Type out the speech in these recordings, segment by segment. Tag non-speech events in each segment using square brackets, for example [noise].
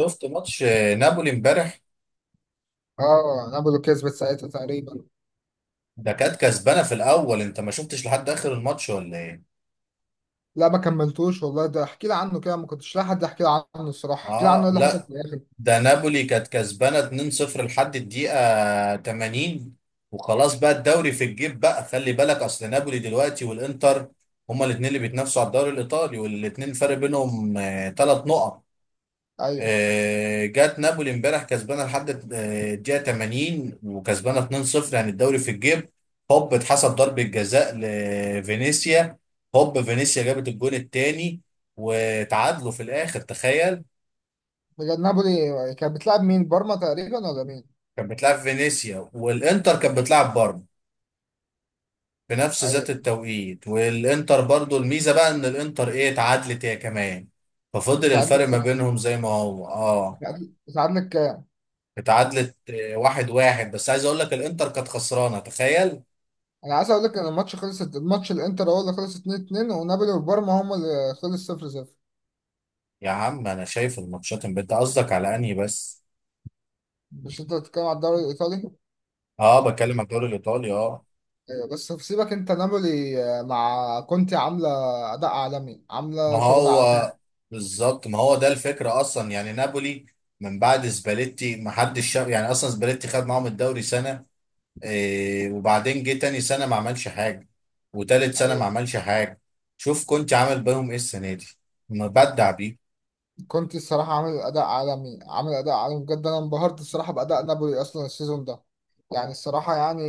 شفت ماتش نابولي امبارح. اه نابولو كسبت ساعتها تقريبا. ده كانت كسبانه في الاول، انت ما شفتش لحد اخر الماتش ولا ايه؟ لا، ما كملتوش والله. ده احكي لي عنه كده، ما كنتش لاقي حد يحكي لي عنه الصراحه. احكي لي عنه، ايه اه، اللي حصل لا. في الاخر؟ ده نابولي كانت كسبانه 2-0 لحد الدقيقه 80، وخلاص بقى الدوري في الجيب بقى. خلي بالك، اصل نابولي دلوقتي والانتر هما الاثنين اللي بيتنافسوا على الدوري الايطالي، والاثنين الفرق بينهم 3 نقط. ايوه. جات نابولي امبارح كسبانه لحد الدقيقه 80 وكسبانه 2-0، يعني الدوري في الجيب. هوب اتحسب ضربه جزاء لفينيسيا، هوب فينيسيا جابت الجون الثاني وتعادلوا في الاخر، تخيل. بجد؟ نابولي كانت بتلعب مين، بارما تقريبا ولا مين؟ كانت بتلعب فينيسيا، والانتر كانت بتلعب برضه في نفس ذات ايوه. التوقيت. والانتر برضه الميزه بقى ان الانتر ايه اتعادلت هي كمان، ففضل اتعادلت الفرق ما كام؟ بينهم زي ما هو. اه، اتعادلت كام؟ اتعادلت 1-1، بس عايز اقول لك الانتر كانت خسرانه تخيل. انا عايز اقول لك ان الماتش خلص. الماتش الانتر هو اللي خلص 2-2، ونابولي وبارما هم اللي خلص 0-0. يا عم انا شايف الماتشات امبارح، انت قصدك على انهي بس؟ مش انت بتتكلم على الدوري الايطالي؟ اه، بتكلم على الدوري الايطالي اه. ايوه، بس في، سيبك انت، نابولي مع كونتي عامله اداء عالمي، ما عامله شغل هو عالمي. بالظبط، ما هو ده الفكره اصلا. يعني نابولي من بعد سباليتي ما حدش شاف. يعني اصلا سباليتي خد معاهم الدوري سنه، إيه وبعدين جه تاني سنه ما عملش حاجه، وتالت سنه ما عملش حاجه. شوف كنت عامل بيهم ايه السنه دي، مبدع بيه. كنت الصراحة عامل أداء عالمي، عامل أداء عالمي بجد. أنا انبهرت الصراحة بأداء نابولي أصلا السيزون ده. يعني الصراحة يعني،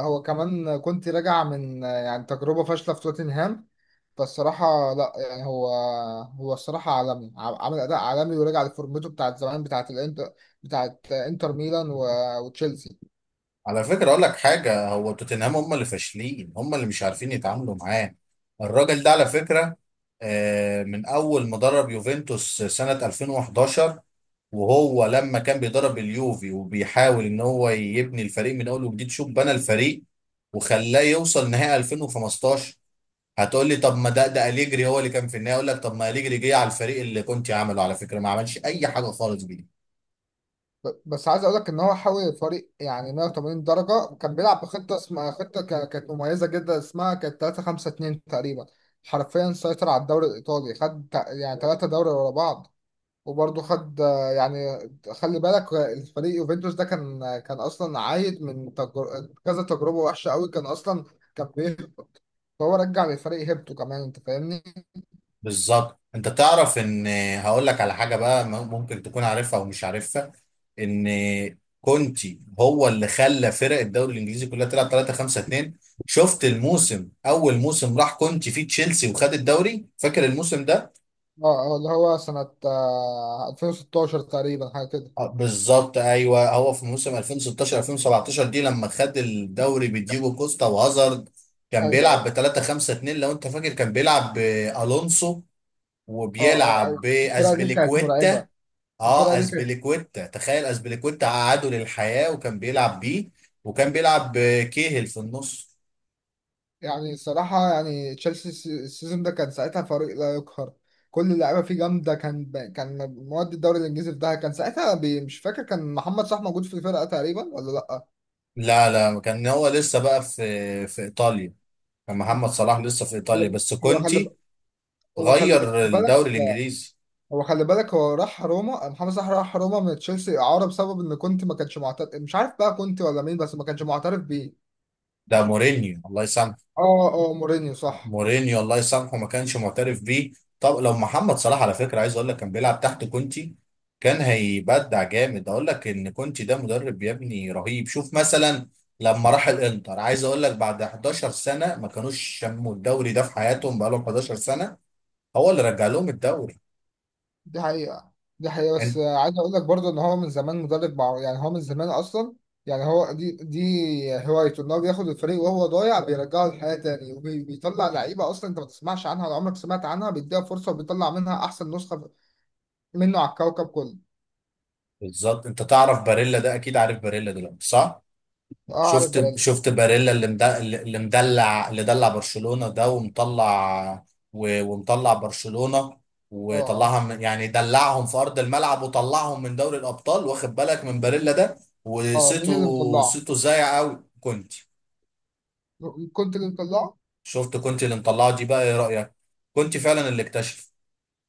هو كمان كنت راجع من يعني تجربة فاشلة في توتنهام. فالصراحة لا، يعني هو، هو الصراحة عالمي، عامل أداء عالمي ورجع لفورمته بتاعت زمان بتاعت الانتر، بتاعت انتر ميلان وتشيلسي. على فكرة أقول لك حاجة، هو توتنهام هم اللي فاشلين، هم اللي مش عارفين يتعاملوا معاه، الراجل ده على فكرة. من أول ما درب يوفنتوس سنة 2011، وهو لما كان بيدرب اليوفي وبيحاول إن هو يبني الفريق من أول وجديد، شوف بنى الفريق وخلاه يوصل نهائي 2015. هتقول لي طب ما ده أليجري هو اللي كان في النهائي، أقول لك طب ما أليجري جه على الفريق اللي كنت عامله، على فكرة ما عملش أي حاجة خالص بيه. بس عايز اقول لك ان هو حول الفريق يعني 180 درجه. كان بيلعب بخطه اسمها خطه كانت مميزه جدا، اسمها كانت 3-5-2 تقريبا. حرفيا سيطر على الدوري الايطالي، خد يعني 3 دوري ورا بعض، وبرضه خد يعني، خلي بالك الفريق يوفنتوس ده كان اصلا عايد من كذا تجربه وحشه قوي، كان اصلا كان بيهبط. فهو رجع للفريق هيبته كمان، انت فاهمني؟ بالظبط، انت تعرف ان، هقول لك على حاجه بقى ممكن تكون عارفها او مش عارفها، ان كونتي هو اللي خلى فرق الدوري الانجليزي كلها تلعب 3 5 2. شفت الموسم، اول موسم راح كونتي فيه تشيلسي وخد الدوري، فاكر الموسم ده؟ اه، اللي هو سنه 2016 تقريبا حاجه كده. بالظبط، ايوه هو في موسم 2016 2017 دي لما خد الدوري بديجو كوستا وهازارد، كان ايوه، بيلعب ايوه. ب 3 5 2. لو انت فاكر كان بيلعب بالونسو اه، اه، وبيلعب ايوه. الفرقه دي كانت مرعبه. باسبليكويتا. الفرقه اه، دي كانت، اسبليكويتا تخيل، اسبليكويتا قعده للحياة وكان بيلعب بيه، وكان بيلعب كيهل في النص. يعني الصراحه يعني تشيلسي، السيزون ده كان ساعتها فريق لا يقهر. كل اللعيبه فيه جامده. كان مواد الدوري الانجليزي في ده. كان ساعتها مش فاكر كان محمد صلاح موجود في الفرقه تقريبا ولا لا. لا لا، كان هو لسه بقى في ايطاليا. كان محمد صلاح لسه في ايطاليا، خلي- بس هو خلي كونتي هو خلي غير بالك الدوري الانجليزي. هو راح روما، محمد صلاح راح روما من تشيلسي اعاره بسبب ان كنت ما كانش معترف. مش عارف بقى كنت ولا مين، بس ما كانش معترف بيه. ده مورينيو الله يسامحه، اه، اه، مورينيو صح. مورينيو الله يسامحه ما كانش معترف بيه. طب لو محمد صلاح على فكره، عايز اقول لك كان بيلعب تحت كونتي كان هيبدع جامد. اقول لك ان كونتي ده مدرب يا ابني رهيب، شوف مثلا لما راح الانتر، عايز اقول لك بعد 11 سنه ما كانوش شموا الدوري ده في حياتهم، بقى لهم 11 سنه، هو اللي رجع لهم الدوري. دي حقيقة، دي حقيقة. بس انت عايز أقول لك برضه إن هو من زمان مدرب، مع يعني هو من زمان أصلا. يعني هو دي هوايته إن هو بياخد الفريق وهو ضايع بيرجعه للحياة تاني، وبيطلع لعيبة أصلا أنت ما تسمعش عنها ولا عمرك سمعت عنها، بيديها فرصة وبيطلع منها أحسن نسخة منه على الكوكب كله. بالظبط، انت تعرف باريلا ده، اكيد عارف باريلا دلوقتي صح؟ أه، عارف شفت باريلا. شفت باريلا اللي اللي مدلع، اللي دلع برشلونة ده ومطلع ومطلع برشلونة، أه، أه. وطلعها من يعني دلعهم في أرض الملعب وطلعهم من دوري الأبطال، واخد بالك من باريلا ده؟ أه، مين اللي وصيته، مطلعه؟ صيته زايع قوي كنت. كنت اللي مطلعه؟ شفت كنت اللي مطلعه دي، بقى ايه رأيك؟ كنت فعلا اللي اكتشف،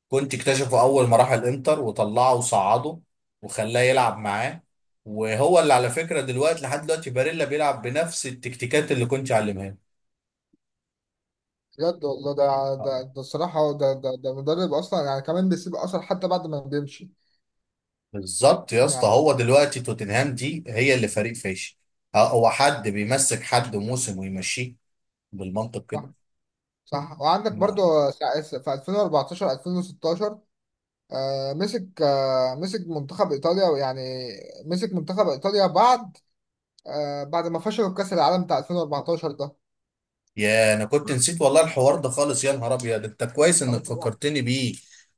كنت اكتشفه أول ما راح الإنتر وطلعه وصعده وخلاه يلعب معاه. وهو اللي على فكرة دلوقتي، لحد دلوقتي باريلا بيلعب بنفس التكتيكات اللي كنت علمها بجد والله، ده له. ده ده الصراحة ده مدرب أصلا يعني كمان بيسيب أثر حتى بعد ما بيمشي. بالظبط يا اسطى، يعني، هو دلوقتي توتنهام دي هي اللي فريق فاشل. اه، هو حد بيمسك حد موسم ويمشيه بالمنطق كده؟ صح. وعندك ما- برضو في 2014 2016، مسك منتخب ايطاليا يعني. مسك منتخب ايطاليا بعد بعد ما فشلوا في كاس العالم بتاع 2014 ده. يا انا كنت نسيت والله الحوار ده خالص، يا نهار ابيض انت كويس أهو انك طبعا. فكرتني بيه.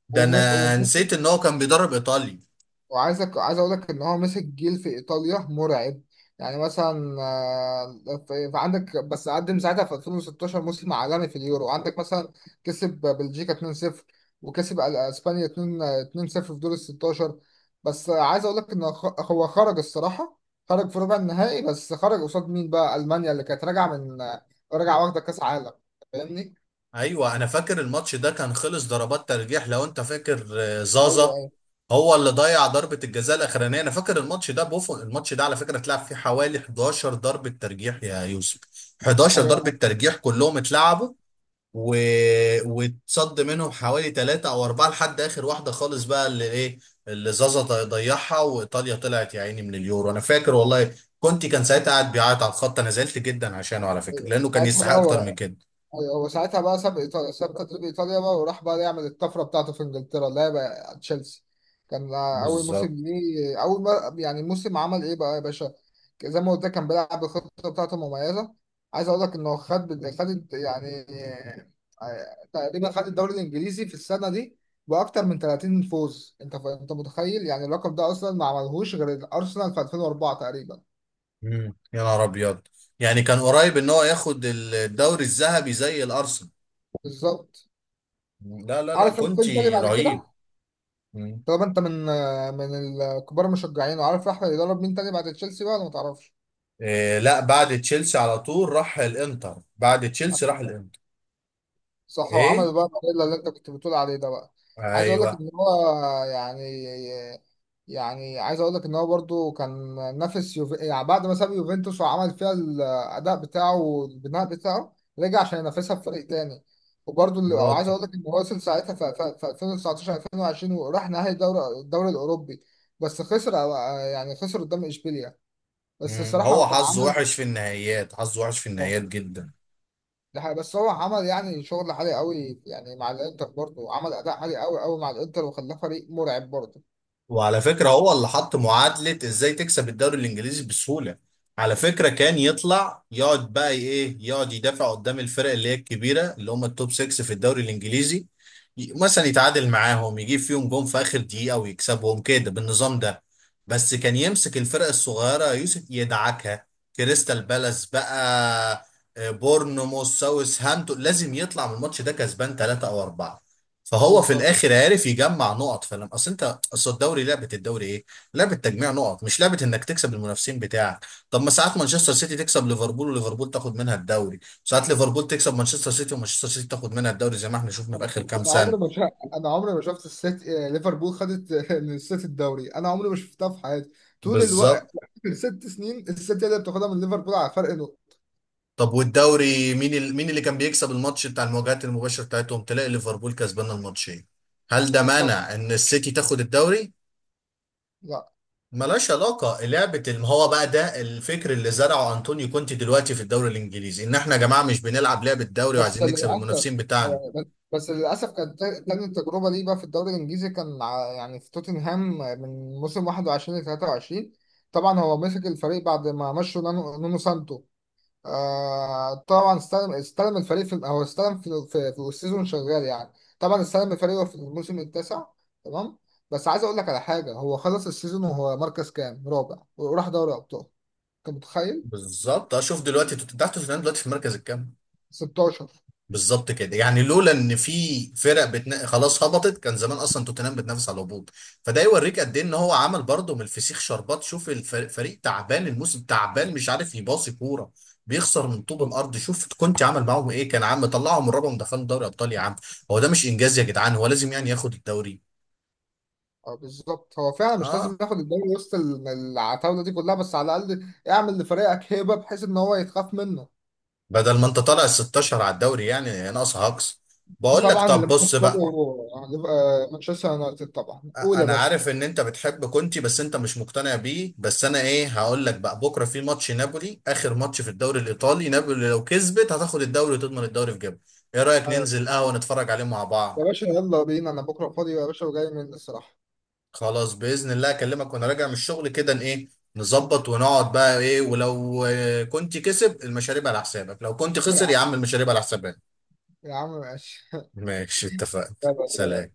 ده انا ومسك، نسيت ان هو كان بيدرب ايطاليا. عايز اقول لك ان هو مسك جيل في ايطاليا مرعب. يعني مثلا في عندك بس قدم ساعتها في 2016 موسم عالمي في اليورو، عندك مثلا كسب بلجيكا 2-0، وكسب اسبانيا 2 2-0 في دور ال 16. بس عايز اقول لك ان هو خرج الصراحه، خرج في ربع النهائي، بس خرج قصاد مين بقى؟ المانيا اللي كانت راجعه من راجعه واخده كاس عالم، فاهمني؟ ايوه انا فاكر الماتش ده، كان خلص ضربات ترجيح. لو انت فاكر ايوه، زازا ايوه، هو اللي ضيع ضربة الجزاء الاخرانية، انا فاكر الماتش ده بوفون. الماتش ده على فكرة اتلعب فيه حوالي 11 ضربة ترجيح يا يوسف، 11 ضربة ايوه. ترجيح كلهم اتلعبوا و... واتصد منهم حوالي 3 او 4 لحد اخر واحدة خالص، بقى اللي ايه اللي زازا ضيعها، وايطاليا طلعت يا عيني من اليورو. انا فاكر والله، كنت كان ساعتها قاعد بيعيط على الخط، انا زعلت جدا عشانه على فكرة لانه كان ساعتها بقى، يستحق اكتر من كده. هو ساعتها بقى ساب ايطاليا، ساب تدريب ايطاليا بقى، وراح بقى يعمل الطفره بتاعته في انجلترا اللي هي بقى تشيلسي. كان اول موسم بالظبط. ليه، اول ما يعني موسم، عمل ايه بقى يا باشا؟ زي ما قلت لك كان بيلعب الخطه بتاعته مميزه. عايز اقول لك انه خد يعني تقريبا خد الدوري الانجليزي في السنه دي باكتر من 30 فوز. انت متخيل يعني؟ اللقب ده اصلا ما عملهوش غير الارسنال في 2004 تقريبا. مم. يا نهار ابيض، يعني كان قريب ان هو ياخد الدوري الذهبي زي الارسنال. بالظبط. مم. لا لا لا، عارف القيم تاني كونتي بعد رهيب. كده. مم. طب انت من الكبار المشجعين، وعارف احمد يدرب مين تاني بعد تشيلسي بقى ولا ما تعرفش؟ إيه لا، بعد تشيلسي على طول راح الانتر، بعد تشيلسي راح الانتر. صح. ايه، وعمل بقى الفانيلا اللي انت كنت بتقول عليه ده بقى. عايز اقول لك ايوه. ان هو يعني يعني عايز اقول لك ان هو برضو كان نافس يعني بعد ما ساب يوفنتوس وعمل فيها الاداء بتاعه والبناء بتاعه، رجع عشان ينافسها في فريق تاني. وبرضو وعايز لوتو. اقول لك ان هو وصل ساعتها في 2019 2020، وراح نهائي الدوري الاوروبي. بس خسر، يعني خسر قدام اشبيليا. بس مم. الصراحة هو هو كان حظه عمل. وحش في النهائيات، حظه وحش في اه. النهائيات جدا. ده حقيقة. بس هو عمل يعني شغل عالي قوي، يعني مع الانتر برضه عمل اداء عالي قوي قوي مع الانتر وخلاه فريق مرعب برضه. وعلى فكرة هو اللي حط معادلة ازاي تكسب الدوري الانجليزي بسهولة. على فكرة كان يطلع يقعد بقى ايه، يقعد يدافع قدام الفرق اللي هي الكبيرة، اللي هم التوب 6 في الدوري الانجليزي، مثلا يتعادل معاهم يجيب فيهم جون في اخر دقيقة ويكسبهم كده بالنظام ده. بس كان يمسك الفرق الصغيرة يوسف يدعكها، كريستال بالاس بقى، بورنموث، ساوث هامبتون لازم يطلع من الماتش ده كسبان 3 او 4، فهو في بالظبط. الاخر عارف يجمع نقط. فلما اصل انت، اصل الدوري لعبه، الدوري ايه؟ لعبه تجميع نقط، مش لعبه انك تكسب المنافسين بتاعك. طب ما ساعات مانشستر سيتي تكسب ليفربول وليفربول تاخد منها الدوري، ساعات ليفربول تكسب مانشستر سيتي ومانشستر سيتي تاخد منها الدوري، زي ما احنا شفنا في اخر كام انا سنه. عمري ما شا... انا عمري ما شفت السيت آه، ليفربول خدت من السيتي الدوري. انا عمري ما شفتها في حياتي طول بالظبط. الوقت. الست سنين السيتي هي اللي بتاخدها من ليفربول على فرق نقطة. طب والدوري، مين اللي كان بيكسب الماتش بتاع المواجهات المباشره بتاعتهم؟ تلاقي ليفربول كسبان الماتشين، هل ده بالظبط. مانع ان السيتي تاخد الدوري؟ لا. ملهاش علاقة لعبة هو بقى ده الفكر اللي زرعه أنطونيو كونتي دلوقتي في الدوري الإنجليزي، إن إحنا يا جماعة مش بنلعب لعبة دوري بس وعايزين نكسب للأسف. المنافسين بتاعنا. أيوة، بس للأسف كانت تاني تجربة ليه بقى في الدوري الإنجليزي، كان يعني في توتنهام من موسم 21 ل 23. طبعا هو مسك الفريق بعد ما مشوا نونو سانتو. آه طبعا، استلم الفريق في، هو استلم في في السيزون شغال يعني. طبعا استلم الفريق في الموسم التاسع. تمام. بس عايز أقول لك على حاجة، هو خلص السيزون وهو مركز كام؟ رابع، وراح دوري أبطال. أنت متخيل؟ بالظبط، أشوف دلوقتي تحت توتنهام دلوقتي في المركز الكام. 16. بالظبط كده، يعني لولا ان في فرق خلاص هبطت كان زمان اصلا توتنهام بتنافس على الهبوط. فده يوريك قد ايه ان هو عمل برضه من الفسيخ شربات. شوف الفريق، فريق تعبان، الموسم تعبان، مش عارف يباصي كوره، بيخسر من طوب الارض، شوف كنت عمل معاهم ايه، كان عم طلعهم من الرابع ودخلهم دوري ابطال يا عم. هو ده مش انجاز يا جدعان، هو لازم يعني ياخد الدوري؟ اه، بالظبط. هو فعلا مش لازم اه، ياخد الدوري وسط العتاوله دي كلها، بس على الاقل اعمل لفريقك هيبه بحيث ان هو يتخاف منه. بدل ما انت طالع ال 16 على الدوري يعني ناقص هاكس. بقول لك وطبعا طب اللي بص بنكسبه بقى، هيبقى مانشستر يونايتد طبعا. قول يا انا باشا. عارف ان انت بتحب كونتي بس انت مش مقتنع بيه، بس انا ايه هقول لك بقى؟ بكره في ماتش نابولي، اخر ماتش في الدوري الايطالي، نابولي لو كسبت هتاخد الدوري وتضمن الدوري في جيبها. ايه رايك ايوه، ننزل قهوه نتفرج عليه مع يا بعض؟ باشا، يلا بينا. انا بكره فاضي يا باشا، وجاي من الصراحه. خلاص باذن الله، اكلمك وانا راجع من الشغل كده ايه، نظبط ونقعد بقى ايه. ولو كنت كسب المشاريب على حسابك، لو كنت [laughs] يا خسر عم. يا عم المشاريب على حسابك. يا عم ماشي. [laughs] ماشي اتفقنا. يلا، سلام. سلام.